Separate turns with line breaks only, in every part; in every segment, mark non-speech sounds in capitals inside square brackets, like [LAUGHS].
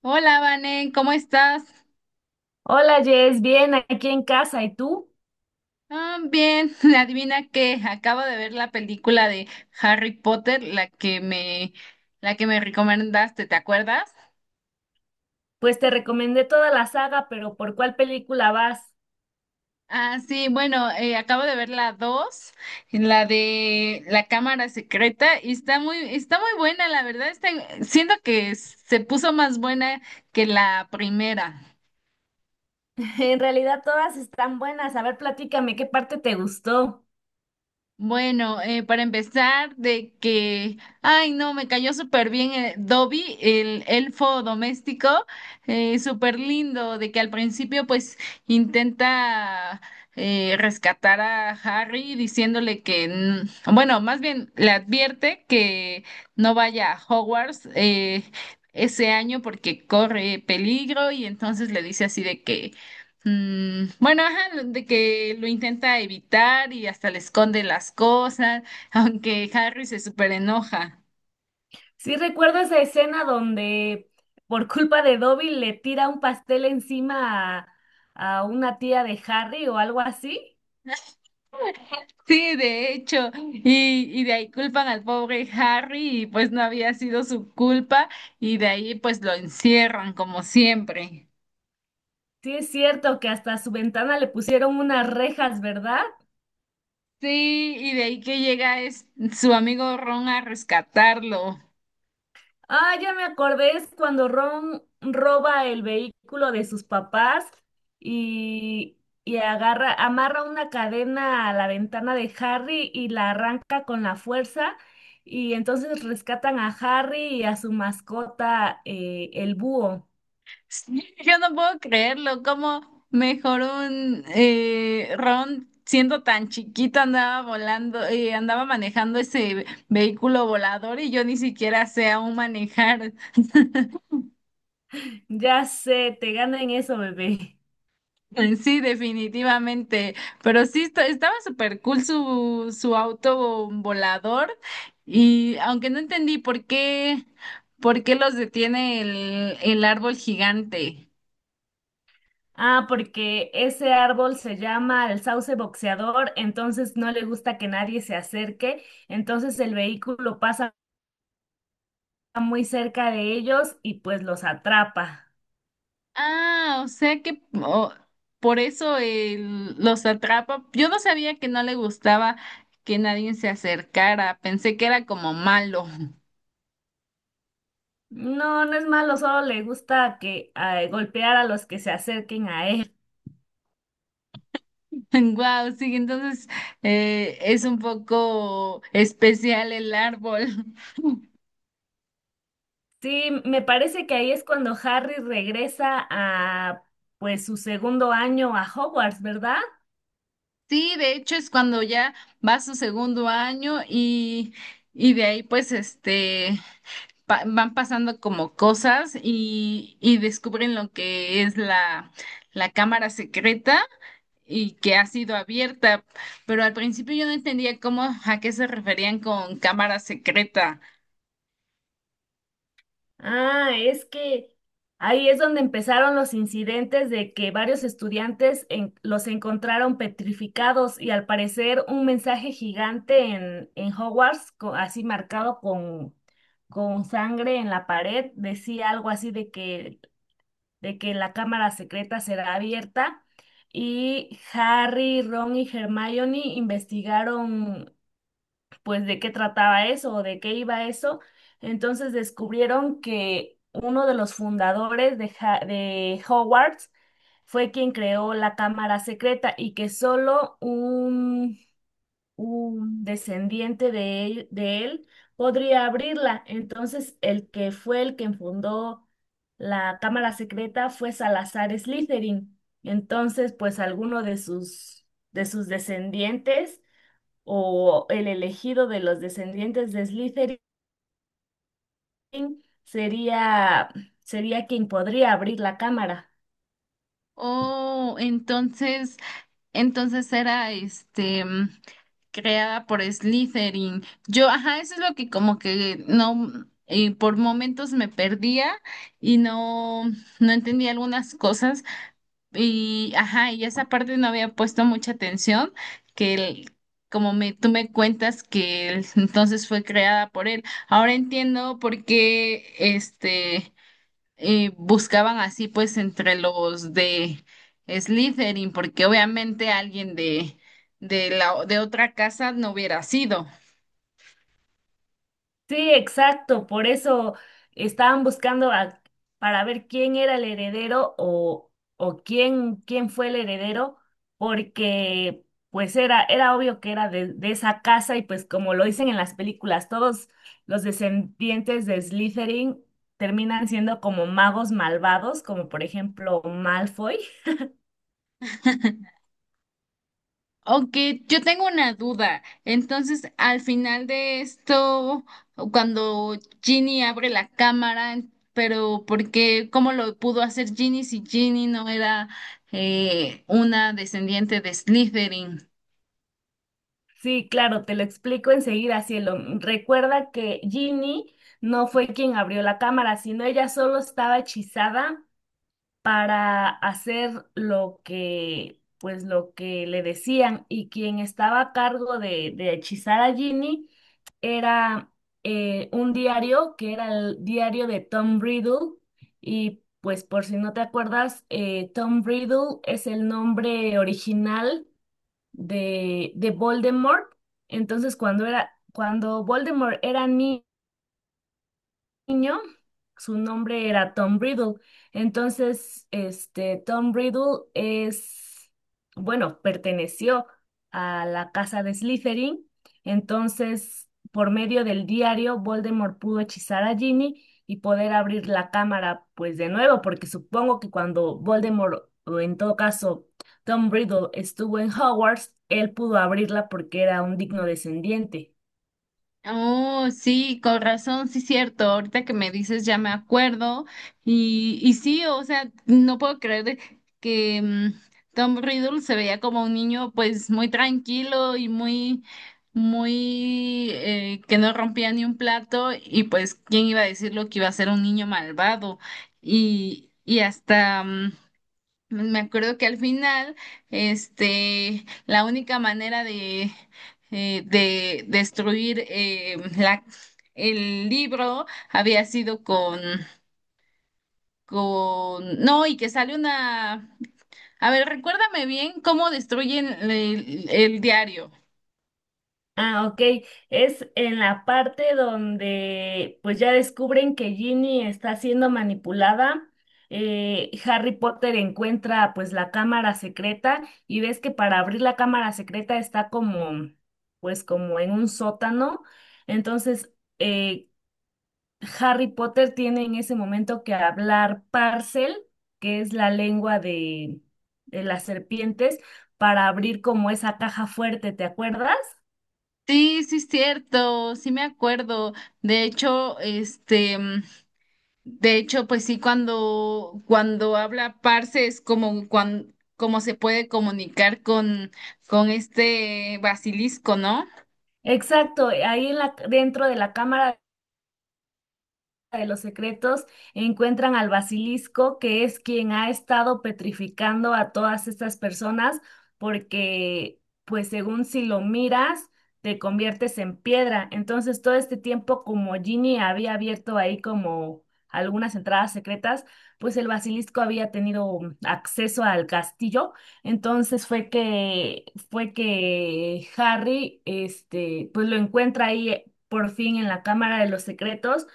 Hola, Vanen, ¿cómo estás?
Hola Jess, bien, aquí en casa. ¿Y tú?
Ah, bien, [LAUGHS] adivina que acabo de ver la película de Harry Potter, la que me recomendaste, ¿te acuerdas?
Pues te recomendé toda la saga, pero ¿por cuál película vas?
Ah, sí, bueno, acabo de ver la 2, la de la cámara secreta, y está muy buena, la verdad, está, siento que se puso más buena que la primera.
[LAUGHS] En realidad todas están buenas. A ver, platícame, ¿qué parte te gustó?
Bueno, para empezar, de que, ay, no, me cayó súper bien, Dobby, el elfo doméstico, súper lindo, de que al principio pues intenta, rescatar a Harry diciéndole que, bueno, más bien le advierte que no vaya a Hogwarts ese año porque corre peligro y entonces le dice así de que... Mm, bueno, ajá, de que lo intenta evitar y hasta le esconde las cosas, [LAUGHS] aunque Harry se súper enoja.
Sí recuerdo esa escena donde por culpa de Dobby le tira un pastel encima a una tía de Harry o algo así.
Sí, de hecho, y de ahí culpan al pobre Harry y pues no había sido su culpa y de ahí pues lo encierran como siempre.
Sí es cierto que hasta su ventana le pusieron unas rejas, ¿verdad?
Sí, y de ahí que llega es su amigo Ron a rescatarlo.
Ah, ya me acordé, es cuando Ron roba el vehículo de sus papás y, y agarra, amarra una cadena a la ventana de Harry y la arranca con la fuerza. Y entonces rescatan a Harry y a su mascota, el búho.
Sí, [LAUGHS] yo no puedo creerlo, cómo mejor un, Ron siendo tan chiquito andaba volando, andaba manejando ese vehículo volador y yo ni siquiera sé aún manejar. [LAUGHS]
Ya sé, te gana en eso, bebé.
Sí, definitivamente, pero sí estaba súper cool su auto volador y aunque no entendí por qué los detiene el árbol gigante.
Ah, porque ese árbol se llama el sauce boxeador, entonces no le gusta que nadie se acerque, entonces el vehículo pasa muy cerca de ellos y pues los atrapa.
Ah, o sea que por eso él los atrapa. Yo no sabía que no le gustaba que nadie se acercara. Pensé que era como malo. [LAUGHS]
No, no es malo, solo le gusta que golpear a los que se acerquen a él.
Wow, sí, entonces es un poco especial el árbol. [LAUGHS]
Sí, me parece que ahí es cuando Harry regresa a pues su segundo año a Hogwarts, ¿verdad?
Sí, de hecho es cuando ya va su segundo año y de ahí pues este van pasando como cosas y descubren lo que es la cámara secreta. Y que ha sido abierta, pero al principio yo no entendía cómo a qué se referían con cámara secreta.
Ah, es que ahí es donde empezaron los incidentes de que varios estudiantes los encontraron petrificados y al parecer un mensaje gigante en Hogwarts, así marcado con sangre en la pared, decía algo así de de que la cámara secreta será abierta. Y Harry, Ron y Hermione investigaron pues de qué trataba eso o de qué iba eso. Entonces descubrieron que uno de los fundadores de Hogwarts fue quien creó la cámara secreta y que solo un descendiente de él podría abrirla. Entonces el que fue el que fundó la cámara secreta fue Salazar Slytherin. Entonces, pues alguno de de sus descendientes o el elegido de los descendientes de Slytherin sería, sería quien podría abrir la cámara.
Oh, entonces era este, creada por Slytherin. Yo, ajá, eso es lo que como que no, por momentos me perdía y no entendía algunas cosas. Y, ajá, y esa parte no había puesto mucha atención, que el- como me, tú me cuentas [LAUGHS] entonces fue creada por él. Ahora entiendo por qué este, buscaban así pues entre los de Slytherin, porque obviamente alguien de otra casa no hubiera sido.
Sí, exacto, por eso estaban para ver quién era el heredero o quién fue el heredero, porque pues era obvio que era de esa casa y pues como lo dicen en las películas, todos los descendientes de Slytherin terminan siendo como magos malvados, como por ejemplo Malfoy.
Aunque yo tengo una duda. Entonces, al final de esto, cuando Ginny abre la cámara, pero ¿por qué? ¿Cómo lo pudo hacer Ginny si Ginny no era, una descendiente de Slytherin?
Sí, claro, te lo explico enseguida, cielo. Recuerda que Ginny no fue quien abrió la cámara, sino ella solo estaba hechizada para hacer lo pues lo que le decían. Y quien estaba a cargo de hechizar a Ginny era un diario que era el diario de Tom Riddle. Y pues por si no te acuerdas, Tom Riddle es el nombre original de Voldemort. Entonces, cuando Voldemort era niño, su nombre era Tom Riddle. Entonces, este, Tom Riddle bueno, perteneció a la casa de Slytherin. Entonces, por medio del diario, Voldemort pudo hechizar a Ginny y poder abrir la cámara, pues de nuevo, porque supongo que cuando Voldemort, o en todo caso, Tom Riddle estuvo en Hogwarts, él pudo abrirla porque era un digno descendiente.
Oh, sí, con razón, sí, cierto. Ahorita que me dices ya me acuerdo. Y sí, o sea, no puedo creer que, Tom Riddle se veía como un niño pues muy tranquilo y muy, muy, que no rompía ni un plato y pues, ¿quién iba a decirlo que iba a ser un niño malvado? Y hasta... me acuerdo que al final, este, la única manera de destruir, el libro había sido con, no, y que sale una, a ver, recuérdame bien cómo destruyen el diario.
Ah, ok. Es en la parte donde pues ya descubren que Ginny está siendo manipulada. Harry Potter encuentra pues la cámara secreta y ves que para abrir la cámara secreta está como pues como en un sótano. Entonces eh, Harry Potter tiene en ese momento que hablar Parcel, que es la lengua de las serpientes, para abrir como esa caja fuerte, ¿te acuerdas?
Sí, sí es cierto, sí me acuerdo. De hecho, este, de hecho, pues sí, cuando habla Parse es como, como se puede comunicar con este basilisco, ¿no?
Exacto, ahí en dentro de la cámara de los secretos encuentran al basilisco, que es quien ha estado petrificando a todas estas personas, porque pues según si lo miras, te conviertes en piedra. Entonces todo este tiempo como Ginny había abierto ahí como algunas entradas secretas, pues el basilisco había tenido acceso al castillo. Entonces fue que Harry este pues lo encuentra ahí por fin en la Cámara de los Secretos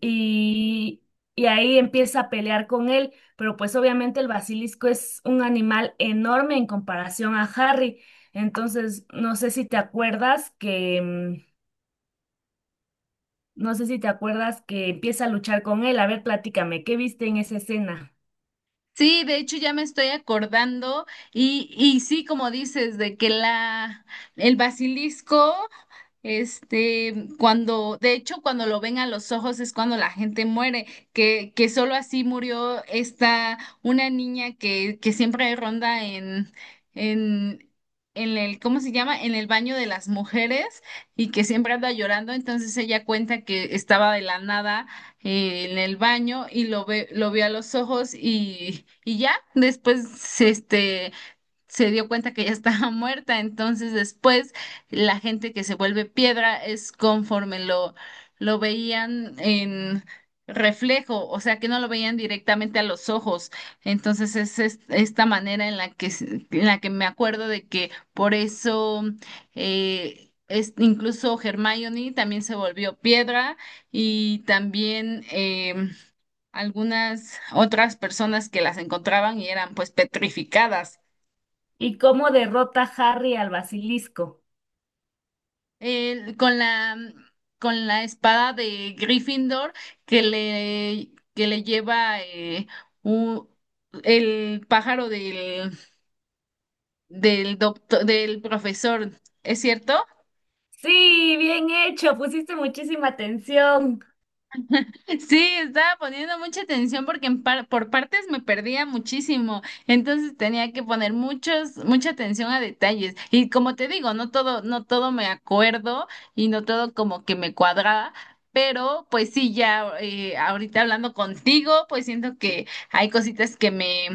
y, y ahí empieza a pelear con él, pero pues obviamente el basilisco es un animal enorme en comparación a Harry. Entonces, no sé si te acuerdas que empieza a luchar con él. A ver, platícame, ¿qué viste en esa escena?
Sí, de hecho ya me estoy acordando y sí, como dices, de que el basilisco, este, cuando, de hecho, cuando lo ven a los ojos es cuando la gente muere, que solo así murió esta, una niña que siempre ronda en, en el, ¿cómo se llama? En el baño de las mujeres y que siempre anda llorando, entonces ella cuenta que estaba de la nada, en el baño y lo vio a los ojos y ya, después, este, se dio cuenta que ya estaba [LAUGHS] muerta. Entonces después la gente que se vuelve piedra es conforme lo veían en reflejo, o sea que no lo veían directamente a los ojos. Entonces es, esta manera en la que, en la que me acuerdo de que por eso... incluso Hermione también se volvió piedra y también, algunas otras personas que las encontraban y eran pues petrificadas.
¿Y cómo derrota Harry al basilisco?
eh, con la, con la espada de Gryffindor que le lleva, u- el pájaro del, del doctor, del profesor, ¿es cierto?
Sí, bien hecho, pusiste muchísima atención.
Sí, estaba poniendo mucha atención porque en por partes me perdía muchísimo, entonces tenía que poner mucha atención a detalles. Y como te digo, no todo me acuerdo y no todo como que me cuadraba, pero pues sí, ya, ahorita hablando contigo, pues siento que hay cositas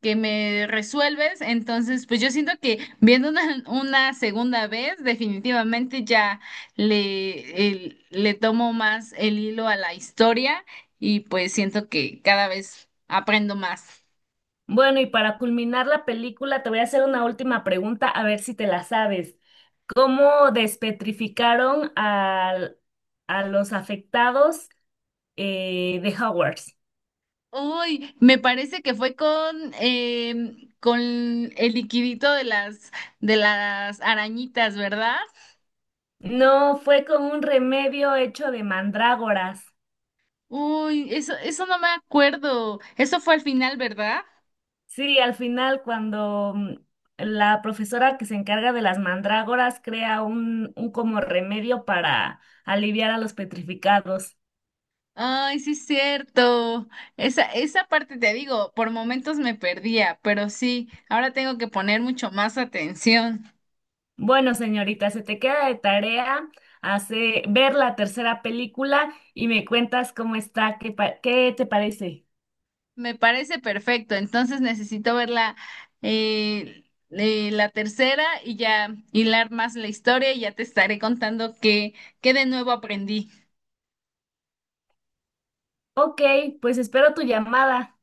que me resuelves. Entonces, pues yo siento que viendo una, [LAUGHS] una segunda vez, definitivamente ya le tomo más el hilo a la historia y pues siento que cada vez aprendo más.
Bueno, y para culminar la película, te voy a hacer una última pregunta, a ver si te la sabes. ¿Cómo despetrificaron a los afectados de Hogwarts?
Uy, me parece que fue con, con el liquidito de las arañitas, ¿verdad?
No, fue con un remedio hecho de mandrágoras.
Uy, eso no me acuerdo. Eso fue al final, ¿verdad?
Sí, al final cuando la profesora que se encarga de las mandrágoras crea un como remedio para aliviar a los petrificados.
Ay, sí, es cierto. Esa parte te digo, por momentos me perdía, pero sí, ahora tengo que poner mucho más atención.
Bueno, señorita, se te queda de tarea hace, ver la tercera película y me cuentas cómo está, qué te parece.
Me parece perfecto, entonces necesito ver eh, la tercera y ya hilar más la historia y ya te estaré contando qué, qué de nuevo aprendí.
Ok, pues espero tu llamada.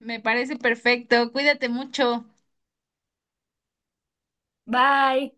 Me parece perfecto, cuídate mucho.
Bye.